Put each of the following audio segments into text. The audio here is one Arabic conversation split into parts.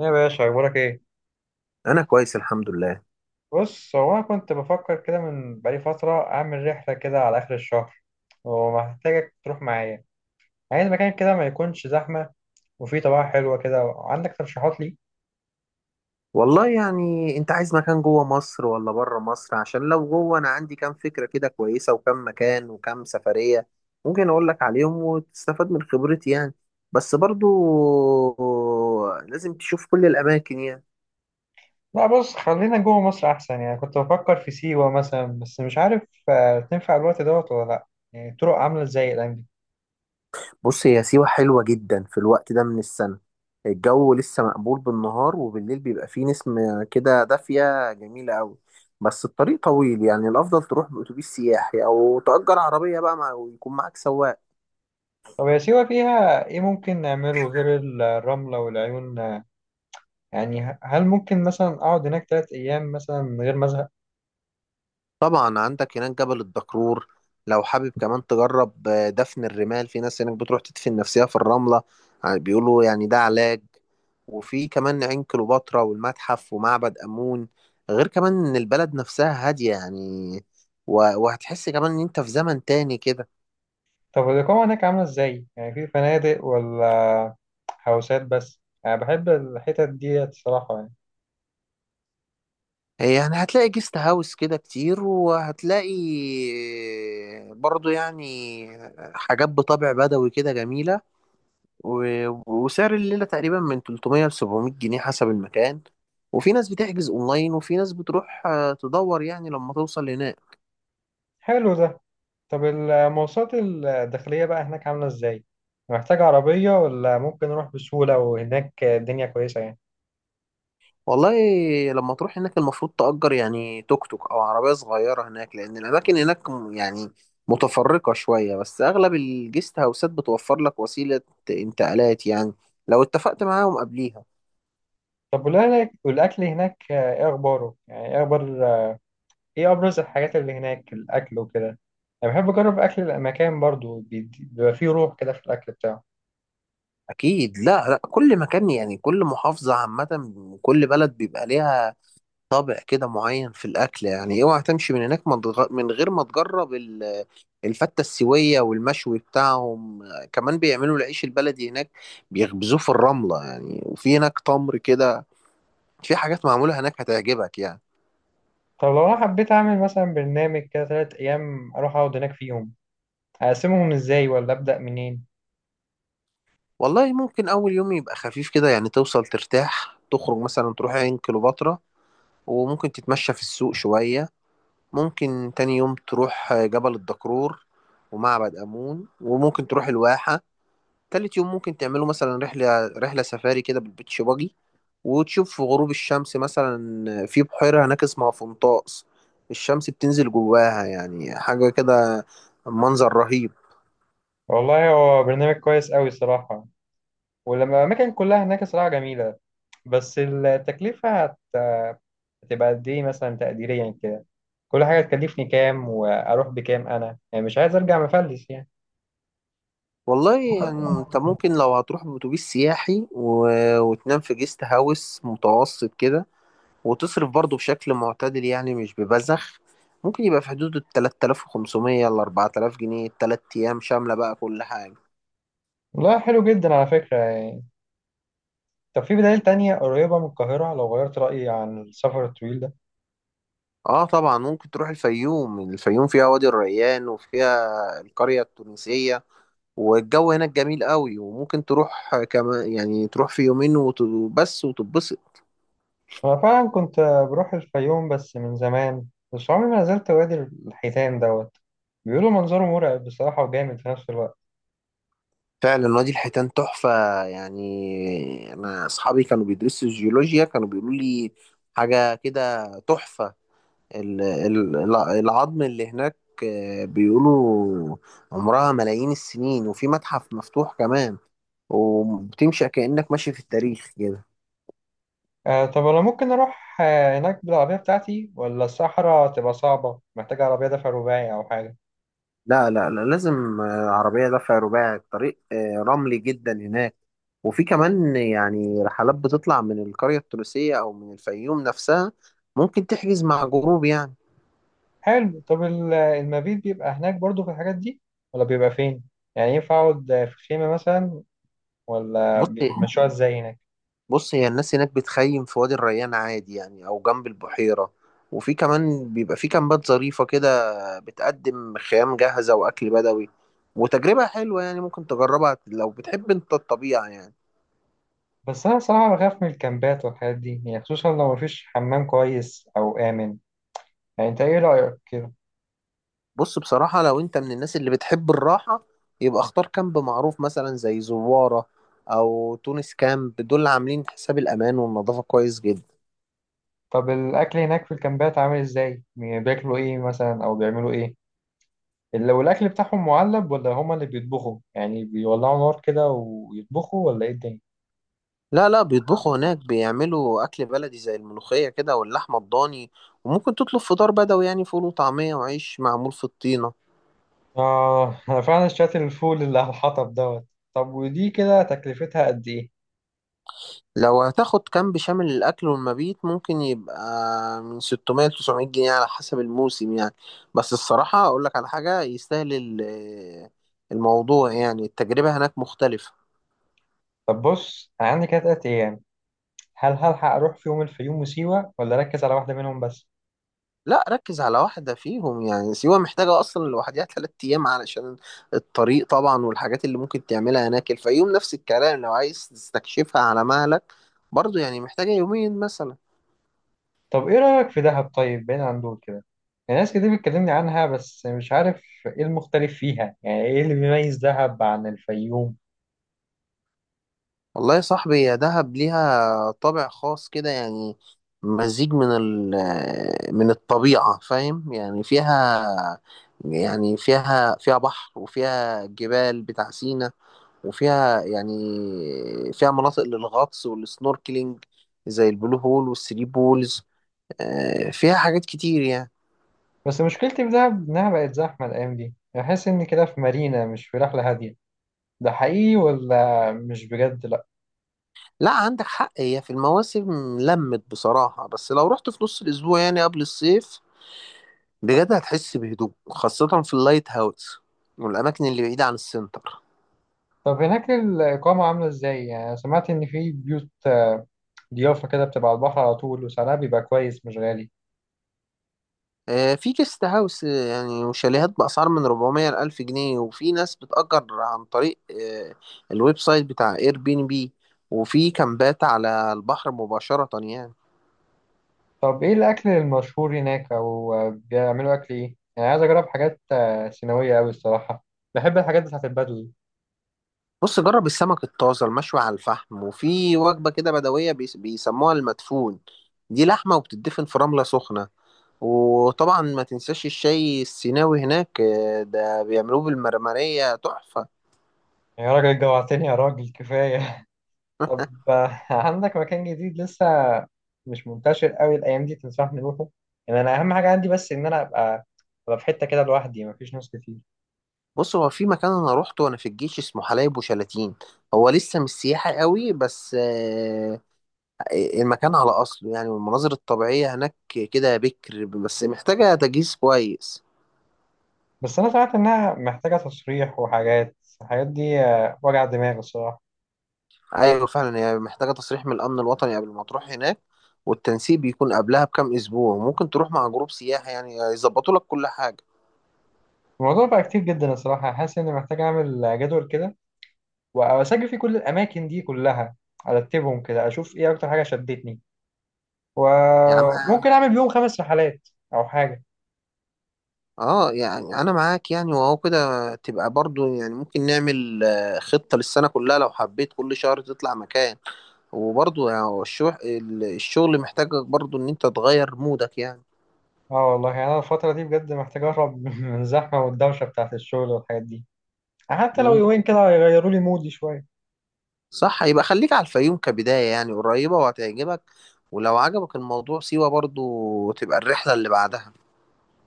إيه يا باشا أخبارك إيه؟ انا كويس، الحمد لله. بص، هو أنا كنت بفكر كده من بقالي فترة أعمل رحلة كده على آخر الشهر ومحتاجك تروح معايا. عايز مكان كده ما يكونش زحمة وفيه طبيعة حلوة كده. عندك ترشيحات لي؟ والله يعني انت عايز مكان جوه مصر ولا بره مصر؟ عشان لو جوه انا عندي كام فكرة كده كويسة وكام مكان وكام سفرية ممكن اقول لك عليهم وتستفاد من خبرتي يعني. بس برضو لازم تشوف كل الاماكن يعني. لا، بص، خلينا جوه مصر أحسن. يعني كنت بفكر في سيوة مثلا بس مش عارف تنفع الوقت دوت ولا لأ؟ يعني الطرق عاملة إزاي الأيام دي؟ بص، هي سيوة حلوة جدا في الوقت ده من السنة. الجو لسه مقبول بالنهار، وبالليل بيبقى فيه نسمة كده دافية جميلة قوي. بس الطريق طويل يعني الافضل تروح باتوبيس سياحي او تأجر عربية بقى مع ويكون معاك سواق. طب يا سيوة فيها إيه ممكن نعمله غير الرملة والعيون؟ يعني هل ممكن مثلا أقعد هناك 3 أيام مثلا من غير ما أزهق؟ طبعا عندك هناك جبل الدكرور. لو حابب كمان تجرب دفن الرمال، في ناس هناك بتروح تدفن نفسها في الرملة. بيقولوا يعني ده علاج. وفي كمان عين كليوباترا والمتحف ومعبد أمون. غير كمان إن البلد نفسها هادية يعني. و- وهتحس كمان إن أنت في زمن تاني كده. طب الإقامة هناك عاملة إزاي؟ يعني في فنادق ولا هوسات بس؟ أنا بحب الحتت دي الصراحة يعني. يعني هتلاقي جيست هاوس كده كتير، وهتلاقي برضو يعني حاجات بطابع بدوي كده جميلة. و... وسعر الليلة تقريبا من 300 ل 700 جنيه حسب المكان. وفي ناس بتحجز اونلاين، وفي ناس بتروح تدور يعني لما توصل هناك. حلو ده. طب المواصلات الداخلية بقى هناك عاملة إزاي؟ محتاج عربية ولا ممكن أروح بسهولة وهناك الدنيا كويسة يعني؟ والله، لما تروح هناك المفروض تأجر يعني توك توك او عربية صغيرة هناك، لان الاماكن هناك يعني متفرقة شوية. بس اغلب الجيست هاوسات بتوفر لك وسيلة انتقالات يعني، لو اتفقت معاهم قبليها. طب والأكل هناك إيه أخباره؟ يعني إيه أبرز الحاجات اللي هناك الأكل وكده؟ أنا بحب أجرب أكل المكان برضو بيبقى فيه روح كده في الأكل بتاعه. اكيد. لا لا، كل مكان يعني، كل محافظة عامة، كل بلد بيبقى ليها طابع كده معين في الاكل يعني. اوعى تمشي من هناك ما تغ- من غير ما تجرب الفته السويه والمشوي بتاعهم. كمان بيعملوا العيش البلدي هناك، بيخبزوه في الرمله يعني. وفي هناك تمر كده. في حاجات معموله هناك هتعجبك يعني. طب لو أنا حبيت أعمل مثلا برنامج كده 3 أيام أروح أقعد هناك فيهم، اقسمهم ازاي ولا ابدا منين؟ والله، ممكن اول يوم يبقى خفيف كده يعني، توصل ترتاح تخرج مثلا تروح عين كليوباترا، وممكن تتمشى في السوق شويه. ممكن تاني يوم تروح جبل الدكرور ومعبد امون، وممكن تروح الواحه. تالت يوم ممكن تعملوا مثلا رحلة سفاري كده بالبيتش باجي، وتشوف غروب الشمس مثلا. في بحيرة هناك اسمها فنطاس، الشمس بتنزل جواها يعني، حاجة كده، منظر رهيب. والله، هو برنامج كويس قوي صراحه، ولما الاماكن كلها هناك صراحه جميله. بس التكلفه هتبقى قد ايه مثلا تقديريا كده؟ كل حاجه تكلفني كام واروح بكام؟ انا يعني مش عايز ارجع مفلس يعني. والله يعني انت ممكن لو هتروح بأتوبيس سياحي وتنام في جيست هاوس متوسط كده، وتصرف برضه بشكل معتدل يعني مش ببذخ، ممكن يبقى في حدود ال 3500 ل 4000 جنيه ال 3 أيام شاملة بقى كل حاجة. والله حلو جدا على فكره يعني. طب في بدائل تانية قريبة من القاهرة لو غيرت رأيي عن السفر الطويل ده؟ اه طبعا، ممكن تروح الفيوم. الفيوم فيها وادي الريان وفيها القرية التونسية، والجو هناك جميل قوي. وممكن تروح كمان يعني تروح في يومين وبس وتتبسط. أنا فعلا كنت بروح الفيوم بس من زمان، بس عمري ما نزلت وادي الحيتان دوت. بيقولوا منظره مرعب بصراحة وجامد في نفس الوقت. فعلا وادي الحيتان تحفة. يعني انا اصحابي كانوا بيدرسوا الجيولوجيا كانوا بيقولوا لي حاجة كده تحفة. ال- ال- العظم اللي هناك بيقولوا عمرها ملايين السنين. وفي متحف مفتوح كمان، وبتمشي كأنك ماشي في التاريخ كده. طب انا ممكن اروح هناك بالعربية بتاعتي ولا الصحراء تبقى صعبة محتاجة عربية دفع رباعي او حاجة؟ لا لا لا، لازم عربية دفع رباعي. الطريق رملي جدا هناك. وفي كمان يعني رحلات بتطلع من القرية التونسية أو من الفيوم نفسها، ممكن تحجز مع جروب يعني. حلو. طب المبيت بيبقى هناك برضو في الحاجات دي ولا بيبقى فين؟ يعني ينفع اقعد في خيمة مثلا ولا بص بيمشوها ازاي هناك؟ بص هي الناس هناك بتخيم في وادي الريان عادي يعني، أو جنب البحيرة. وفي كمان بيبقى في كامبات ظريفة كده، بتقدم خيام جاهزة وأكل بدوي، وتجربة حلوة يعني ممكن تجربها لو بتحب أنت الطبيعة يعني. بس انا صراحة بخاف من الكامبات والحاجات دي، يعني خصوصا لو مفيش حمام كويس او امن. يعني انت ايه رأيك كده؟ بص، بصراحة لو انت من الناس اللي بتحب الراحة، يبقى اختار كامب معروف مثلا زي زوارة او تونس كامب. دول عاملين حساب الامان والنظافة كويس جدا. طب الاكل هناك في الكامبات عامل ازاي؟ بياكلوا ايه مثلا او بيعملوا ايه؟ لو الأكل بتاعهم معلب ولا هما اللي بيطبخوا يعني بيولعوا نار كده ويطبخوا ولا إيه الدنيا؟ لا لا، بيطبخوا هناك، بيعملوا اكل بلدي زي الملوخية كده واللحمة الضاني. وممكن تطلب فطار بدوي يعني فول وطعمية وعيش معمول في الطين. آه. أنا فعلا اشتريت الفول اللي على الحطب دوت. طب ودي كده تكلفتها قد إيه؟ لو هتاخد كامب شامل الأكل والمبيت، ممكن يبقى من 600 ل 900 جنيه على حسب الموسم يعني. بس الصراحة أقول لك على حاجة يستاهل الموضوع يعني، التجربة هناك مختلفة. طب بص، أنا عندي كده 3 أيام. هل هلحق أروح في يوم الفيوم وسيوة ولا أركز على واحدة منهم بس؟ لا، ركز على واحدة فيهم. يعني سيوة محتاجة أصلا لوحدها 3 أيام علشان الطريق طبعا، والحاجات اللي ممكن تعملها هناك. الفيوم نفس الكلام، لو عايز تستكشفها على مهلك برضو يعني محتاجة يومين مثلا. طب إيه رأيك في دهب طيب بعيد عن دول كده؟ يعني ناس كتير بتكلمني عنها بس مش عارف إيه المختلف فيها. يعني إيه اللي بيميز دهب عن الفيوم؟ والله يا صاحبي، يا دهب ليها طابع خاص كده يعني، مزيج من ال آه، من الطبيعة، فاهم يعني، فيها يعني، فيها بحر وفيها جبال بتاع سينا، وفيها يعني فيها مناطق للغطس والسنوركلينج زي البلو هول والثري بولز. فيها حاجات كتير يعني. بس مشكلتي في دهب إنها بقت زحمة الأيام دي، بحس إني كده في مارينا مش في رحلة هادية. ده حقيقي ولا مش بجد؟ لأ. لا، عندك حق. هي في المواسم لمت بصراحة، بس لو رحت في نص الأسبوع يعني قبل الصيف بجد هتحس بهدوء، خاصة في اللايت هاوس والأماكن اللي بعيدة عن السنتر. طب هناك الإقامة عاملة إزاي؟ يعني سمعت إن في بيوت ضيافة كده بتبقى على البحر على طول وسعرها بيبقى كويس مش غالي. في جيست هاوس يعني وشاليهات بأسعار من 400 ل 1000 جنيه. وفي ناس بتأجر عن طريق الويب سايت بتاع اير بي ان بي. وفي كامبات على البحر مباشرة يعني. طب إيه الأكل المشهور هناك؟ أو بيعملوا أكل إيه؟ يعني عايز أجرب حاجات سيناوية أوي الصراحة. بحب الحاجات بتاعت البدوي. بص، جرب السمك الطازة المشوي على الفحم. وفي وجبة كده بدوية بيسموها المدفون، دي لحمة وبتدفن في رملة سخنة. وطبعا ما تنساش الشاي السيناوي هناك، ده بيعملوه بالمرمرية تحفة. يا راجل جوعتني يا راجل، كفاية! طب عندك مكان جديد لسه مش منتشر قوي الايام دي تنصحني نروحه؟ يعني انا اهم حاجه عندي بس ان انا ابقى في حته كده لوحدي مفيش ناس كتير. بص، هو في مكان انا روحته وانا في الجيش اسمه حلايب وشلاتين. هو لسه مش سياحي قوي بس المكان على اصله يعني. والمناظر الطبيعية هناك كده بكر، بس محتاجة تجهيز كويس. بس انا سمعت انها محتاجه تصريح وحاجات. الحاجات دي وجع دماغ الصراحه. ايوه فعلا، هي محتاجة تصريح من الامن الوطني قبل ما تروح هناك، والتنسيق بيكون قبلها بكام اسبوع. ممكن تروح مع جروب سياحي يعني يظبطوا لك كل حاجة. الموضوع بقى كتير جدا الصراحه. حاسس اني محتاج اعمل جدول كده واسجل فيه كل الاماكن دي كلها، ارتبهم كده اشوف ايه اكتر حاجه شدتني، يا عم. وممكن اعمل بيهم 5 رحلات او حاجه. اه يعني انا معاك، يعني وهو كده تبقى برضو يعني ممكن نعمل خطة للسنة كلها لو حبيت كل شهر تطلع مكان. وبرضو يعني هو الشغل محتاجك برضو ان انت تغير مودك يعني. اه والله يعني انا الفترة دي بجد محتاج اهرب من الزحمة والدوشة بتاعت الشغل والحاجات دي. حتى لو مم. يومين كده هيغيروا لي مودي شوية. صح، يبقى خليك على الفيوم كبداية يعني، قريبة وهتعجبك. ولو عجبك الموضوع، سيوة برضو تبقى الرحلة اللي بعدها.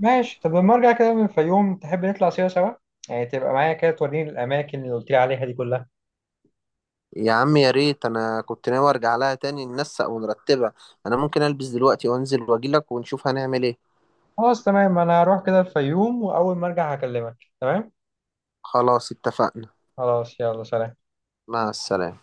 ماشي. طب لما ارجع كده من الفيوم تحب نطلع سوا سوا؟ يعني تبقى معايا كده توريني الاماكن اللي قلت لي عليها دي كلها. يا عم يا ريت، انا كنت ناوي ارجع لها تاني ننسق ونرتبها. انا ممكن البس دلوقتي وانزل واجيلك ونشوف هنعمل ايه. خلاص تمام، انا هروح كده الفيوم واول ما ارجع هكلمك. تمام. خلاص، اتفقنا. خلاص، يلا سلام. مع السلامة.